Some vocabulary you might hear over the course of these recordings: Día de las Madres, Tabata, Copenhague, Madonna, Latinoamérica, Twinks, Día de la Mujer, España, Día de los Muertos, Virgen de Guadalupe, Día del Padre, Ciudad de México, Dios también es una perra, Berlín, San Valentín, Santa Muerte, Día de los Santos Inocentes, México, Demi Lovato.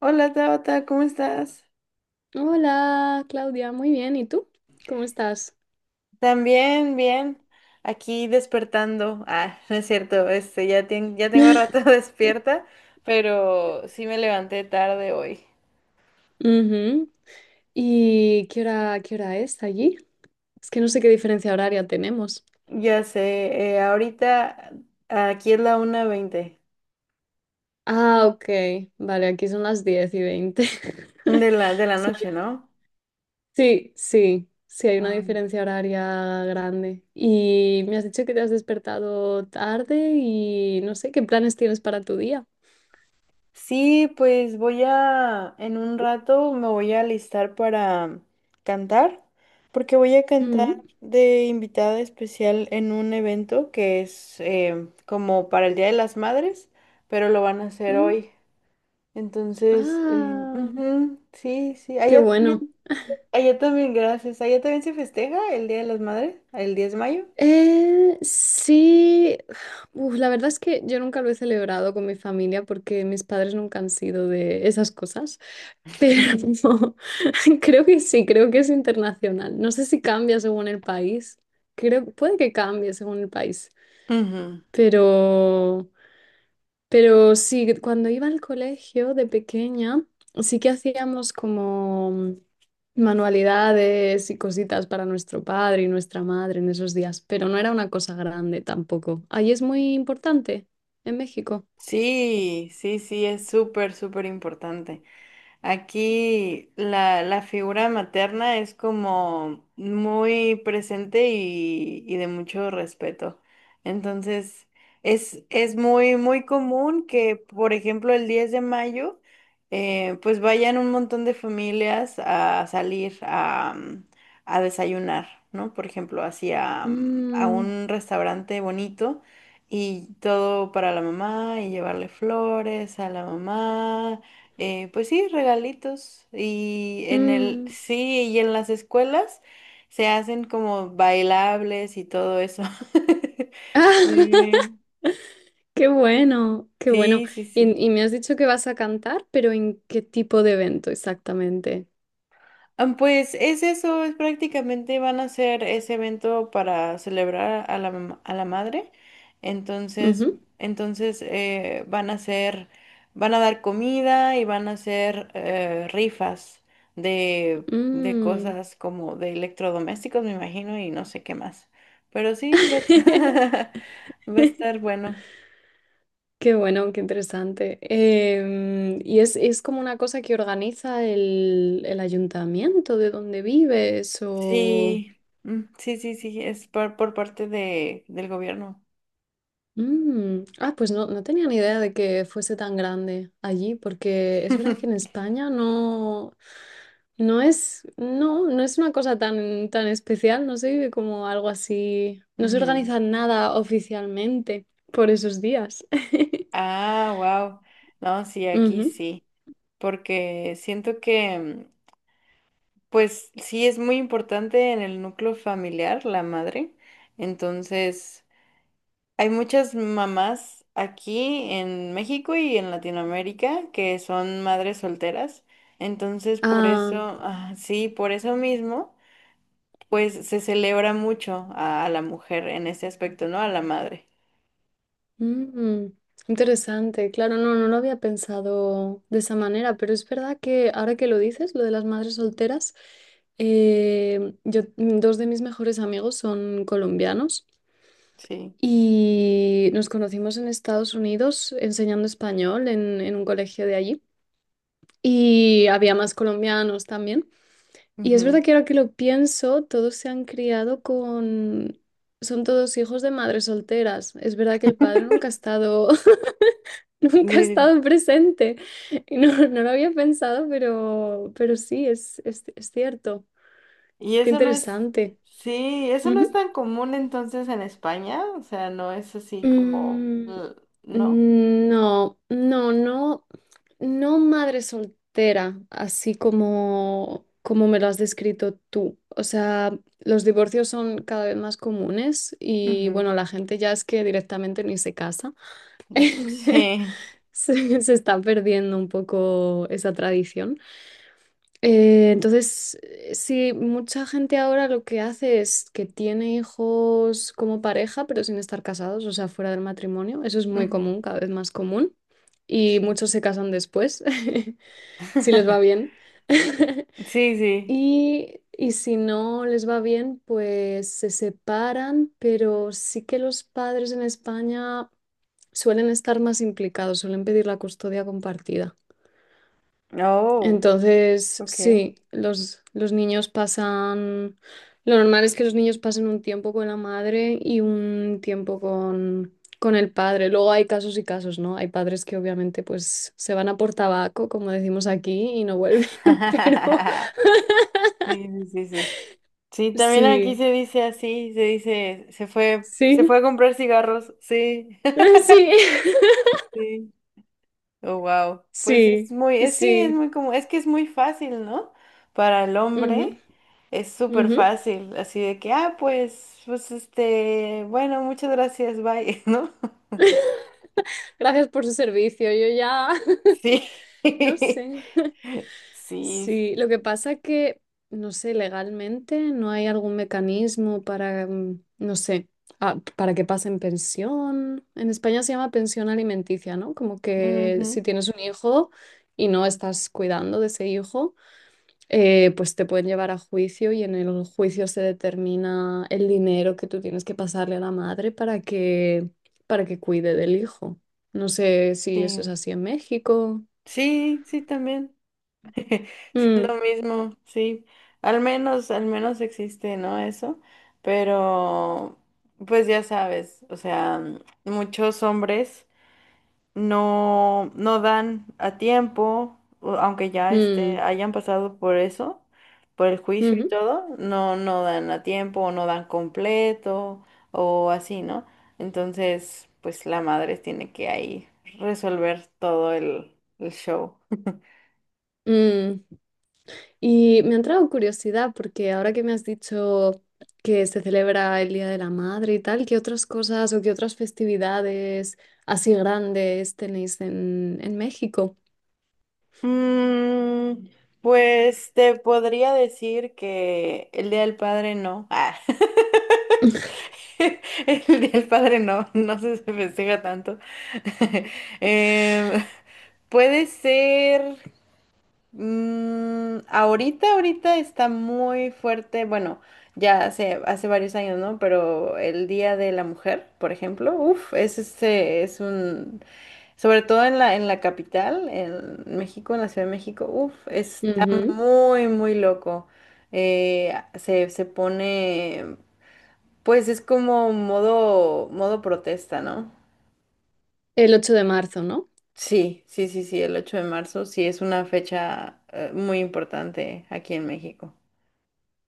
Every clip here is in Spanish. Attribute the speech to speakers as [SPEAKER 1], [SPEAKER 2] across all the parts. [SPEAKER 1] Hola Tabata, ¿cómo estás?
[SPEAKER 2] Hola, Claudia, muy bien. ¿Y tú? ¿Cómo estás?
[SPEAKER 1] También, bien. Aquí despertando. Ah, no es cierto, ya, ya tengo rato despierta, pero sí me levanté tarde hoy.
[SPEAKER 2] Ujú. ¿Y qué hora es allí? Es que no sé qué diferencia horaria tenemos.
[SPEAKER 1] Ya sé, ahorita aquí es la 1:20
[SPEAKER 2] Ah, ok. Vale, aquí son las 10:20.
[SPEAKER 1] de la
[SPEAKER 2] Es
[SPEAKER 1] noche,
[SPEAKER 2] una-
[SPEAKER 1] ¿no?
[SPEAKER 2] Sí, sí, sí, hay una
[SPEAKER 1] Ah.
[SPEAKER 2] diferencia horaria grande. Y me has dicho que te has despertado tarde y no sé qué planes tienes para tu día.
[SPEAKER 1] Sí, pues en un rato me voy a alistar para cantar, porque voy a cantar
[SPEAKER 2] Mm,
[SPEAKER 1] de invitada especial en un evento que es como para el Día de las Madres, pero lo van a hacer
[SPEAKER 2] mm.
[SPEAKER 1] hoy. Entonces,
[SPEAKER 2] Ah,
[SPEAKER 1] ujú, sí, sí,
[SPEAKER 2] qué bueno.
[SPEAKER 1] allá también, gracias. Allá también se festeja el Día de las Madres, el 10 de mayo.
[SPEAKER 2] Sí, uf, la verdad es que yo nunca lo he celebrado con mi familia porque mis padres nunca han sido de esas cosas, pero creo que sí, creo que es internacional. No sé si cambia según el país, creo, puede que cambie según el país,
[SPEAKER 1] Ujú.
[SPEAKER 2] pero... Pero sí, cuando iba al colegio de pequeña, sí que hacíamos como manualidades y cositas para nuestro padre y nuestra madre en esos días, pero no era una cosa grande tampoco. Ahí es muy importante, en México.
[SPEAKER 1] Sí, sí, sí, es súper, súper importante. Aquí la figura materna es como muy presente y de mucho respeto. Entonces, es muy, muy común que, por ejemplo, el 10 de mayo, pues vayan un montón de familias a salir a desayunar, ¿no? Por ejemplo, hacia a
[SPEAKER 2] Mm,
[SPEAKER 1] un restaurante bonito y todo para la mamá y llevarle flores a la mamá, pues sí, regalitos. Y en el,
[SPEAKER 2] mm.
[SPEAKER 1] sí, y en las escuelas se hacen como bailables y todo eso. Sí,
[SPEAKER 2] Qué bueno, qué bueno.
[SPEAKER 1] sí, sí, sí.
[SPEAKER 2] Y me has dicho que vas a cantar, pero ¿en qué tipo de evento exactamente?
[SPEAKER 1] Ah, pues es eso, es prácticamente van a hacer ese evento para celebrar a la madre. Entonces,
[SPEAKER 2] Ujú,
[SPEAKER 1] entonces, van a dar comida y van a hacer rifas de
[SPEAKER 2] mm.
[SPEAKER 1] cosas como de electrodomésticos, me imagino, y no sé qué más. Pero sí, va a estar bueno.
[SPEAKER 2] Qué bueno, qué interesante. Y es como una cosa que organiza el ayuntamiento de donde vives o...
[SPEAKER 1] Sí, sí, sí, sí, es por parte del gobierno.
[SPEAKER 2] Mm, ah, pues no, no tenía ni idea de que fuese tan grande allí, porque es verdad que en España no, no es, no, no es una cosa tan, tan especial, no se vive como algo así, no se
[SPEAKER 1] Ujú.
[SPEAKER 2] organiza nada oficialmente por esos días.
[SPEAKER 1] Ah, wow. No, sí, aquí
[SPEAKER 2] Ujú.
[SPEAKER 1] sí, porque siento que, pues sí, es muy importante en el núcleo familiar la madre. Entonces, hay muchas mamás aquí en México y en Latinoamérica que son madres solteras. Entonces, por
[SPEAKER 2] Ah,
[SPEAKER 1] eso, ah, sí, por eso mismo, pues se celebra mucho a la mujer en ese aspecto, ¿no? A la madre.
[SPEAKER 2] mm, interesante, claro, no, no lo había pensado de esa manera, pero es verdad que ahora que lo dices, lo de las madres solteras, yo, dos de mis mejores amigos son colombianos
[SPEAKER 1] Sí.
[SPEAKER 2] y nos conocimos en Estados Unidos enseñando español en un colegio de allí y había más colombianos también. Y es
[SPEAKER 1] Ujú.
[SPEAKER 2] verdad que ahora que lo pienso, todos se han criado con... Son todos hijos de madres solteras. Es verdad que el padre nunca ha estado. Nunca he estado presente. No, no lo había pensado, pero sí, es cierto.
[SPEAKER 1] Y
[SPEAKER 2] Qué
[SPEAKER 1] eso no es,
[SPEAKER 2] interesante.
[SPEAKER 1] sí, eso no es
[SPEAKER 2] Ujú.
[SPEAKER 1] tan común entonces en España, o sea, no es así como,
[SPEAKER 2] Mm,
[SPEAKER 1] ¿no?
[SPEAKER 2] mm, no, no, no, no madre soltera, así como, como me lo has descrito tú. O sea, los divorcios son cada vez más comunes y
[SPEAKER 1] Ujú,
[SPEAKER 2] bueno, la gente ya es que directamente ni se casa.
[SPEAKER 1] sí,
[SPEAKER 2] Se está perdiendo un poco esa tradición. Entonces, sí, mucha gente ahora lo que hace es que tiene hijos como pareja, pero sin estar casados, o sea, fuera del matrimonio. Eso es muy
[SPEAKER 1] ujú,
[SPEAKER 2] común, cada vez más común. Y
[SPEAKER 1] sí.
[SPEAKER 2] muchos se casan después, si les va bien.
[SPEAKER 1] Sí, sí.
[SPEAKER 2] Y, y si no les va bien, pues se separan, pero sí que los padres en España suelen estar más implicados, suelen pedir la custodia compartida.
[SPEAKER 1] Oh,
[SPEAKER 2] Entonces,
[SPEAKER 1] ok.
[SPEAKER 2] sí, los niños pasan, lo normal es que los niños pasen un tiempo con la madre y un tiempo con el padre. Luego hay casos y casos, ¿no? Hay padres que obviamente pues se van a por tabaco, como decimos aquí, y no vuelven, pero
[SPEAKER 1] Sí, sí, sí, sí. Sí, también aquí
[SPEAKER 2] sí,
[SPEAKER 1] se dice así, se dice, se fue
[SPEAKER 2] sí,
[SPEAKER 1] a comprar cigarros, sí.
[SPEAKER 2] sí,
[SPEAKER 1] Sí. Oh, wow. Pues es
[SPEAKER 2] sí,
[SPEAKER 1] muy, sí, es
[SPEAKER 2] sí.
[SPEAKER 1] muy como, es que es muy fácil, ¿no? Para el
[SPEAKER 2] Ujú,
[SPEAKER 1] hombre es súper
[SPEAKER 2] ujú.
[SPEAKER 1] fácil, así de que, ah, pues bueno, muchas gracias, bye, ¿no?
[SPEAKER 2] Gracias por su servicio, yo ya,
[SPEAKER 1] Sí,
[SPEAKER 2] no sé.
[SPEAKER 1] sí,
[SPEAKER 2] Sí, lo que pasa es que, no sé, legalmente no hay algún mecanismo para, no sé, ah, para que pasen pensión. En España se llama pensión alimenticia, ¿no? Como que
[SPEAKER 1] ujú,
[SPEAKER 2] si tienes un hijo y no estás cuidando de ese hijo, pues te pueden llevar a juicio y en el juicio se determina el dinero que tú tienes que pasarle a la madre para que cuide del hijo. No sé si eso es
[SPEAKER 1] sí,
[SPEAKER 2] así en México.
[SPEAKER 1] sí, sí, también.
[SPEAKER 2] Mm,
[SPEAKER 1] Lo mismo, sí. Al menos existe, ¿no? Eso. Pero, pues ya sabes, o sea, muchos hombres. No, no dan a tiempo, aunque ya
[SPEAKER 2] mm,
[SPEAKER 1] hayan pasado por eso, por el juicio y
[SPEAKER 2] ujú,
[SPEAKER 1] todo, no, no dan a tiempo, o no dan completo, o así, ¿no? Entonces, pues la madre tiene que ahí resolver todo el show.
[SPEAKER 2] mm. Y me ha entrado curiosidad porque ahora que me has dicho que se celebra el Día de la Madre y tal, ¿qué otras cosas o qué otras festividades así grandes tenéis en México?
[SPEAKER 1] Mm, pues te podría decir que el Día del Padre no. Ah. El Día del Padre no, no se festeja tanto. Em, puede ser. Ahorita, ahorita está muy fuerte. Bueno, ya hace, hace varios años, ¿no? Pero el Día de la Mujer, por ejemplo, uff, es un. Sobre todo en la capital, en México, en la Ciudad de México, uff, está
[SPEAKER 2] Ujú.
[SPEAKER 1] muy, muy loco. Se pone. Pues es como modo, modo protesta, ¿no?
[SPEAKER 2] El 8 de marzo, ¿no?
[SPEAKER 1] Sí, sí, sí, sí, el 8 de marzo sí es una fecha muy importante aquí en México.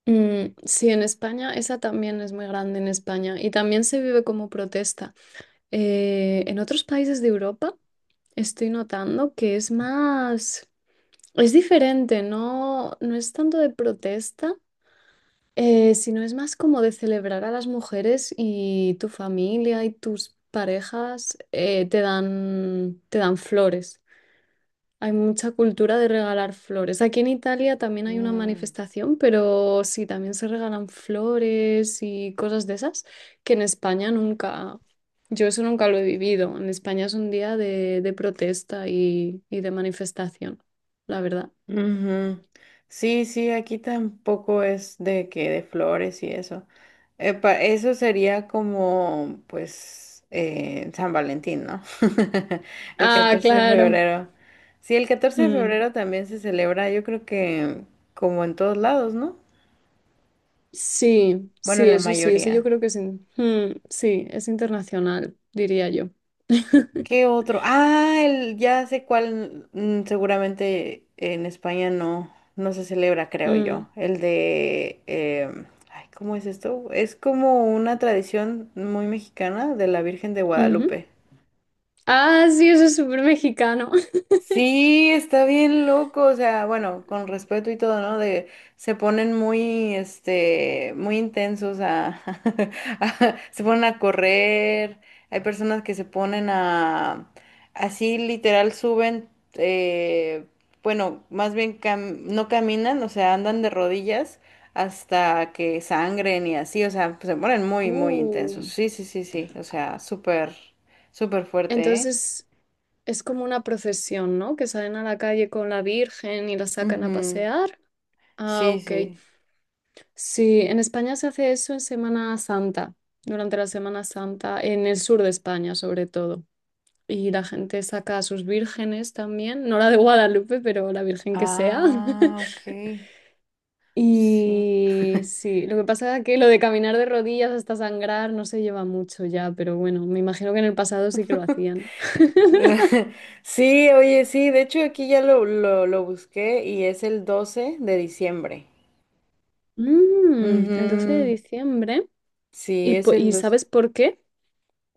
[SPEAKER 2] Mm, sí, en España, esa también es muy grande en España y también se vive como protesta. En otros países de Europa estoy notando que es más, es diferente, no, no es tanto de protesta, si no es más como de celebrar a las mujeres y tu familia y tus parejas, te dan flores. Hay mucha cultura de regalar flores. Aquí en Italia también hay una
[SPEAKER 1] Mm,
[SPEAKER 2] manifestación, pero sí, también se regalan flores y cosas de esas que en España nunca, yo eso nunca lo he vivido. En España es un día de protesta y de manifestación, la verdad.
[SPEAKER 1] ujú. Sí, sí, aquí tampoco es de que de flores y eso. Eso sería como, pues, San Valentín, ¿no? El
[SPEAKER 2] Ah,
[SPEAKER 1] 14 de
[SPEAKER 2] claro.
[SPEAKER 1] febrero. Sí, el catorce de
[SPEAKER 2] Mm.
[SPEAKER 1] febrero también se celebra, yo creo que como en todos lados, ¿no?
[SPEAKER 2] Sí,
[SPEAKER 1] Bueno,
[SPEAKER 2] sí,
[SPEAKER 1] la
[SPEAKER 2] eso sí, ese yo
[SPEAKER 1] mayoría.
[SPEAKER 2] creo que es, in- sí, es internacional, diría yo.
[SPEAKER 1] ¿Qué otro? Ah, ya sé cuál, seguramente en España no, no se celebra, creo
[SPEAKER 2] Mm,
[SPEAKER 1] yo. El de, ay, ¿cómo es esto? Es como una tradición muy mexicana de la Virgen de
[SPEAKER 2] ujú.
[SPEAKER 1] Guadalupe.
[SPEAKER 2] Ah, sí, eso es súper mexicano.
[SPEAKER 1] Sí, está bien loco, o sea, bueno, con respeto y todo, ¿no? De se ponen muy, muy intensos se ponen a correr. Hay personas que se ponen así literal suben, eh, bueno, más bien no caminan, o sea, andan de rodillas hasta que sangren y así, o sea, se ponen muy, muy intensos.
[SPEAKER 2] Uh,
[SPEAKER 1] Sí, sí, sí, sí, o sea, súper, súper fuerte, ¿eh?
[SPEAKER 2] entonces es como una procesión, ¿no? Que salen a la calle con la Virgen y la sacan a
[SPEAKER 1] Ujú.
[SPEAKER 2] pasear. Ah,
[SPEAKER 1] Sí,
[SPEAKER 2] ok.
[SPEAKER 1] sí.
[SPEAKER 2] Sí, en España se hace eso en Semana Santa, durante la Semana Santa, en el sur de España sobre todo. Y la gente saca a sus vírgenes también, no la de Guadalupe, pero la virgen que sea.
[SPEAKER 1] Ah, ok. Sí.
[SPEAKER 2] Y sí, lo que pasa es que lo de caminar de rodillas hasta sangrar no se lleva mucho ya, pero bueno, me imagino que en el pasado sí que lo hacían.
[SPEAKER 1] Sí, oye, sí, de hecho aquí ya lo busqué y es el 12 de diciembre.
[SPEAKER 2] Mm, el 12 de
[SPEAKER 1] Ujú,
[SPEAKER 2] diciembre.
[SPEAKER 1] sí,
[SPEAKER 2] ¿Y,
[SPEAKER 1] es
[SPEAKER 2] po-
[SPEAKER 1] el
[SPEAKER 2] y
[SPEAKER 1] 12.
[SPEAKER 2] sabes por qué?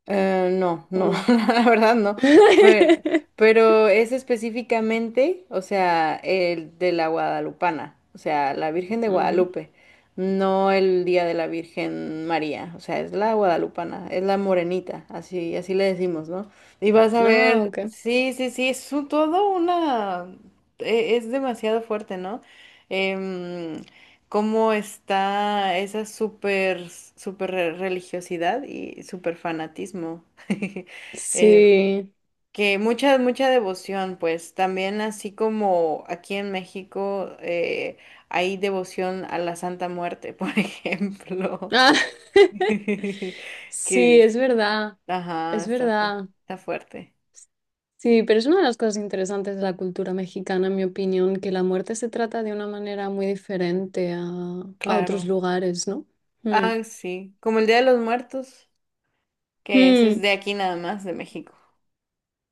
[SPEAKER 1] No,
[SPEAKER 2] ¿O
[SPEAKER 1] no,
[SPEAKER 2] no?
[SPEAKER 1] la verdad no. Pero, pero es específicamente, o sea, el de la Guadalupana, o sea, la Virgen de
[SPEAKER 2] Ujú.
[SPEAKER 1] Guadalupe, no el Día de la Virgen María, o sea, es la Guadalupana, es la morenita, así, así le decimos, ¿no? Y vas a
[SPEAKER 2] Ah,
[SPEAKER 1] ver,
[SPEAKER 2] ok.
[SPEAKER 1] sí, sí, sí, todo una, es demasiado fuerte, ¿no? Em, cómo está esa super, super religiosidad y super fanatismo. Eh,
[SPEAKER 2] Sí.
[SPEAKER 1] que mucha, mucha devoción, pues también así como aquí en México, hay devoción a la Santa Muerte, por ejemplo.
[SPEAKER 2] Ah,
[SPEAKER 1] Que,
[SPEAKER 2] sí, es verdad.
[SPEAKER 1] ajá,
[SPEAKER 2] Es verdad.
[SPEAKER 1] está fuerte.
[SPEAKER 2] Sí, pero es una de las cosas interesantes de la cultura mexicana, en mi opinión, que la muerte se trata de una manera muy diferente a otros
[SPEAKER 1] Claro.
[SPEAKER 2] lugares, ¿no? Mm.
[SPEAKER 1] Ah, sí, como el Día de los Muertos, que ese es
[SPEAKER 2] Mm,
[SPEAKER 1] de aquí nada más, de México.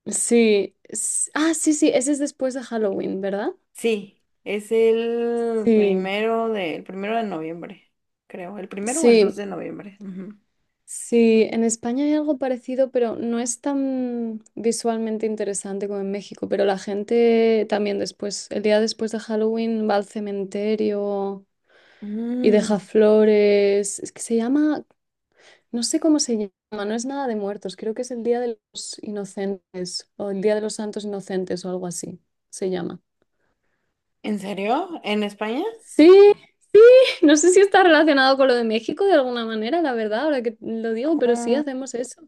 [SPEAKER 2] sí. s- Ah, sí, sí, ese es después de Halloween, ¿verdad?
[SPEAKER 1] Sí, es
[SPEAKER 2] Sí,
[SPEAKER 1] el primero de noviembre, creo. ¿El primero o el 2
[SPEAKER 2] sí,
[SPEAKER 1] de noviembre? Ujú.
[SPEAKER 2] sí. En España hay algo parecido, pero no es tan visualmente interesante como en México, pero la gente también después, el día después de Halloween, va al cementerio y
[SPEAKER 1] Mm,
[SPEAKER 2] deja flores. Es que se llama, no sé cómo se llama, no es nada de muertos, creo que es el Día de los Inocentes o el Día de los Santos Inocentes o algo así se llama.
[SPEAKER 1] ¿En serio? ¿En España?
[SPEAKER 2] Sí, sí, no sé si está relacionado con lo de México de alguna manera, la verdad, ahora que lo digo, pero sí
[SPEAKER 1] Mm,
[SPEAKER 2] hacemos eso.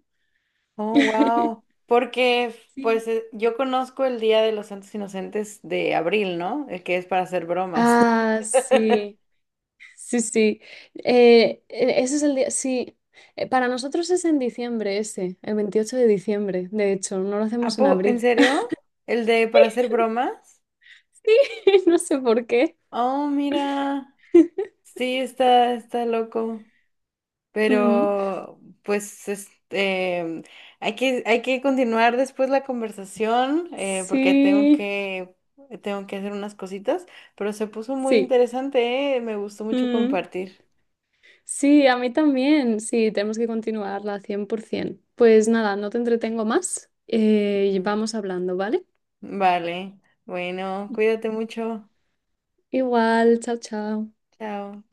[SPEAKER 1] Oh, wow. Porque,
[SPEAKER 2] Sí.
[SPEAKER 1] pues, yo conozco el Día de los Santos Inocentes de abril, ¿no? El que es para hacer bromas.
[SPEAKER 2] Ah, sí, sí, sí. Ese es el día, sí. Para nosotros es en diciembre ese, el 28 de diciembre, de hecho, no lo hacemos en
[SPEAKER 1] ¿En
[SPEAKER 2] abril.
[SPEAKER 1] serio? ¿El de para hacer bromas?
[SPEAKER 2] Sí, no sé por qué.
[SPEAKER 1] Oh, mira. Sí, está loco.
[SPEAKER 2] Mm.
[SPEAKER 1] Pero, pues, hay que continuar después la conversación, porque tengo
[SPEAKER 2] Sí,
[SPEAKER 1] que, tengo que hacer unas cositas, pero se puso muy
[SPEAKER 2] sí.
[SPEAKER 1] interesante, Me gustó mucho
[SPEAKER 2] Mm.
[SPEAKER 1] compartir.
[SPEAKER 2] Sí, a mí también. Sí, tenemos que continuarla 100%. Pues nada, no te entretengo más. Y
[SPEAKER 1] Ujú.
[SPEAKER 2] vamos hablando, ¿vale?
[SPEAKER 1] Vale, bueno, cuídate mucho.
[SPEAKER 2] Igual, chao, chao.
[SPEAKER 1] Chao.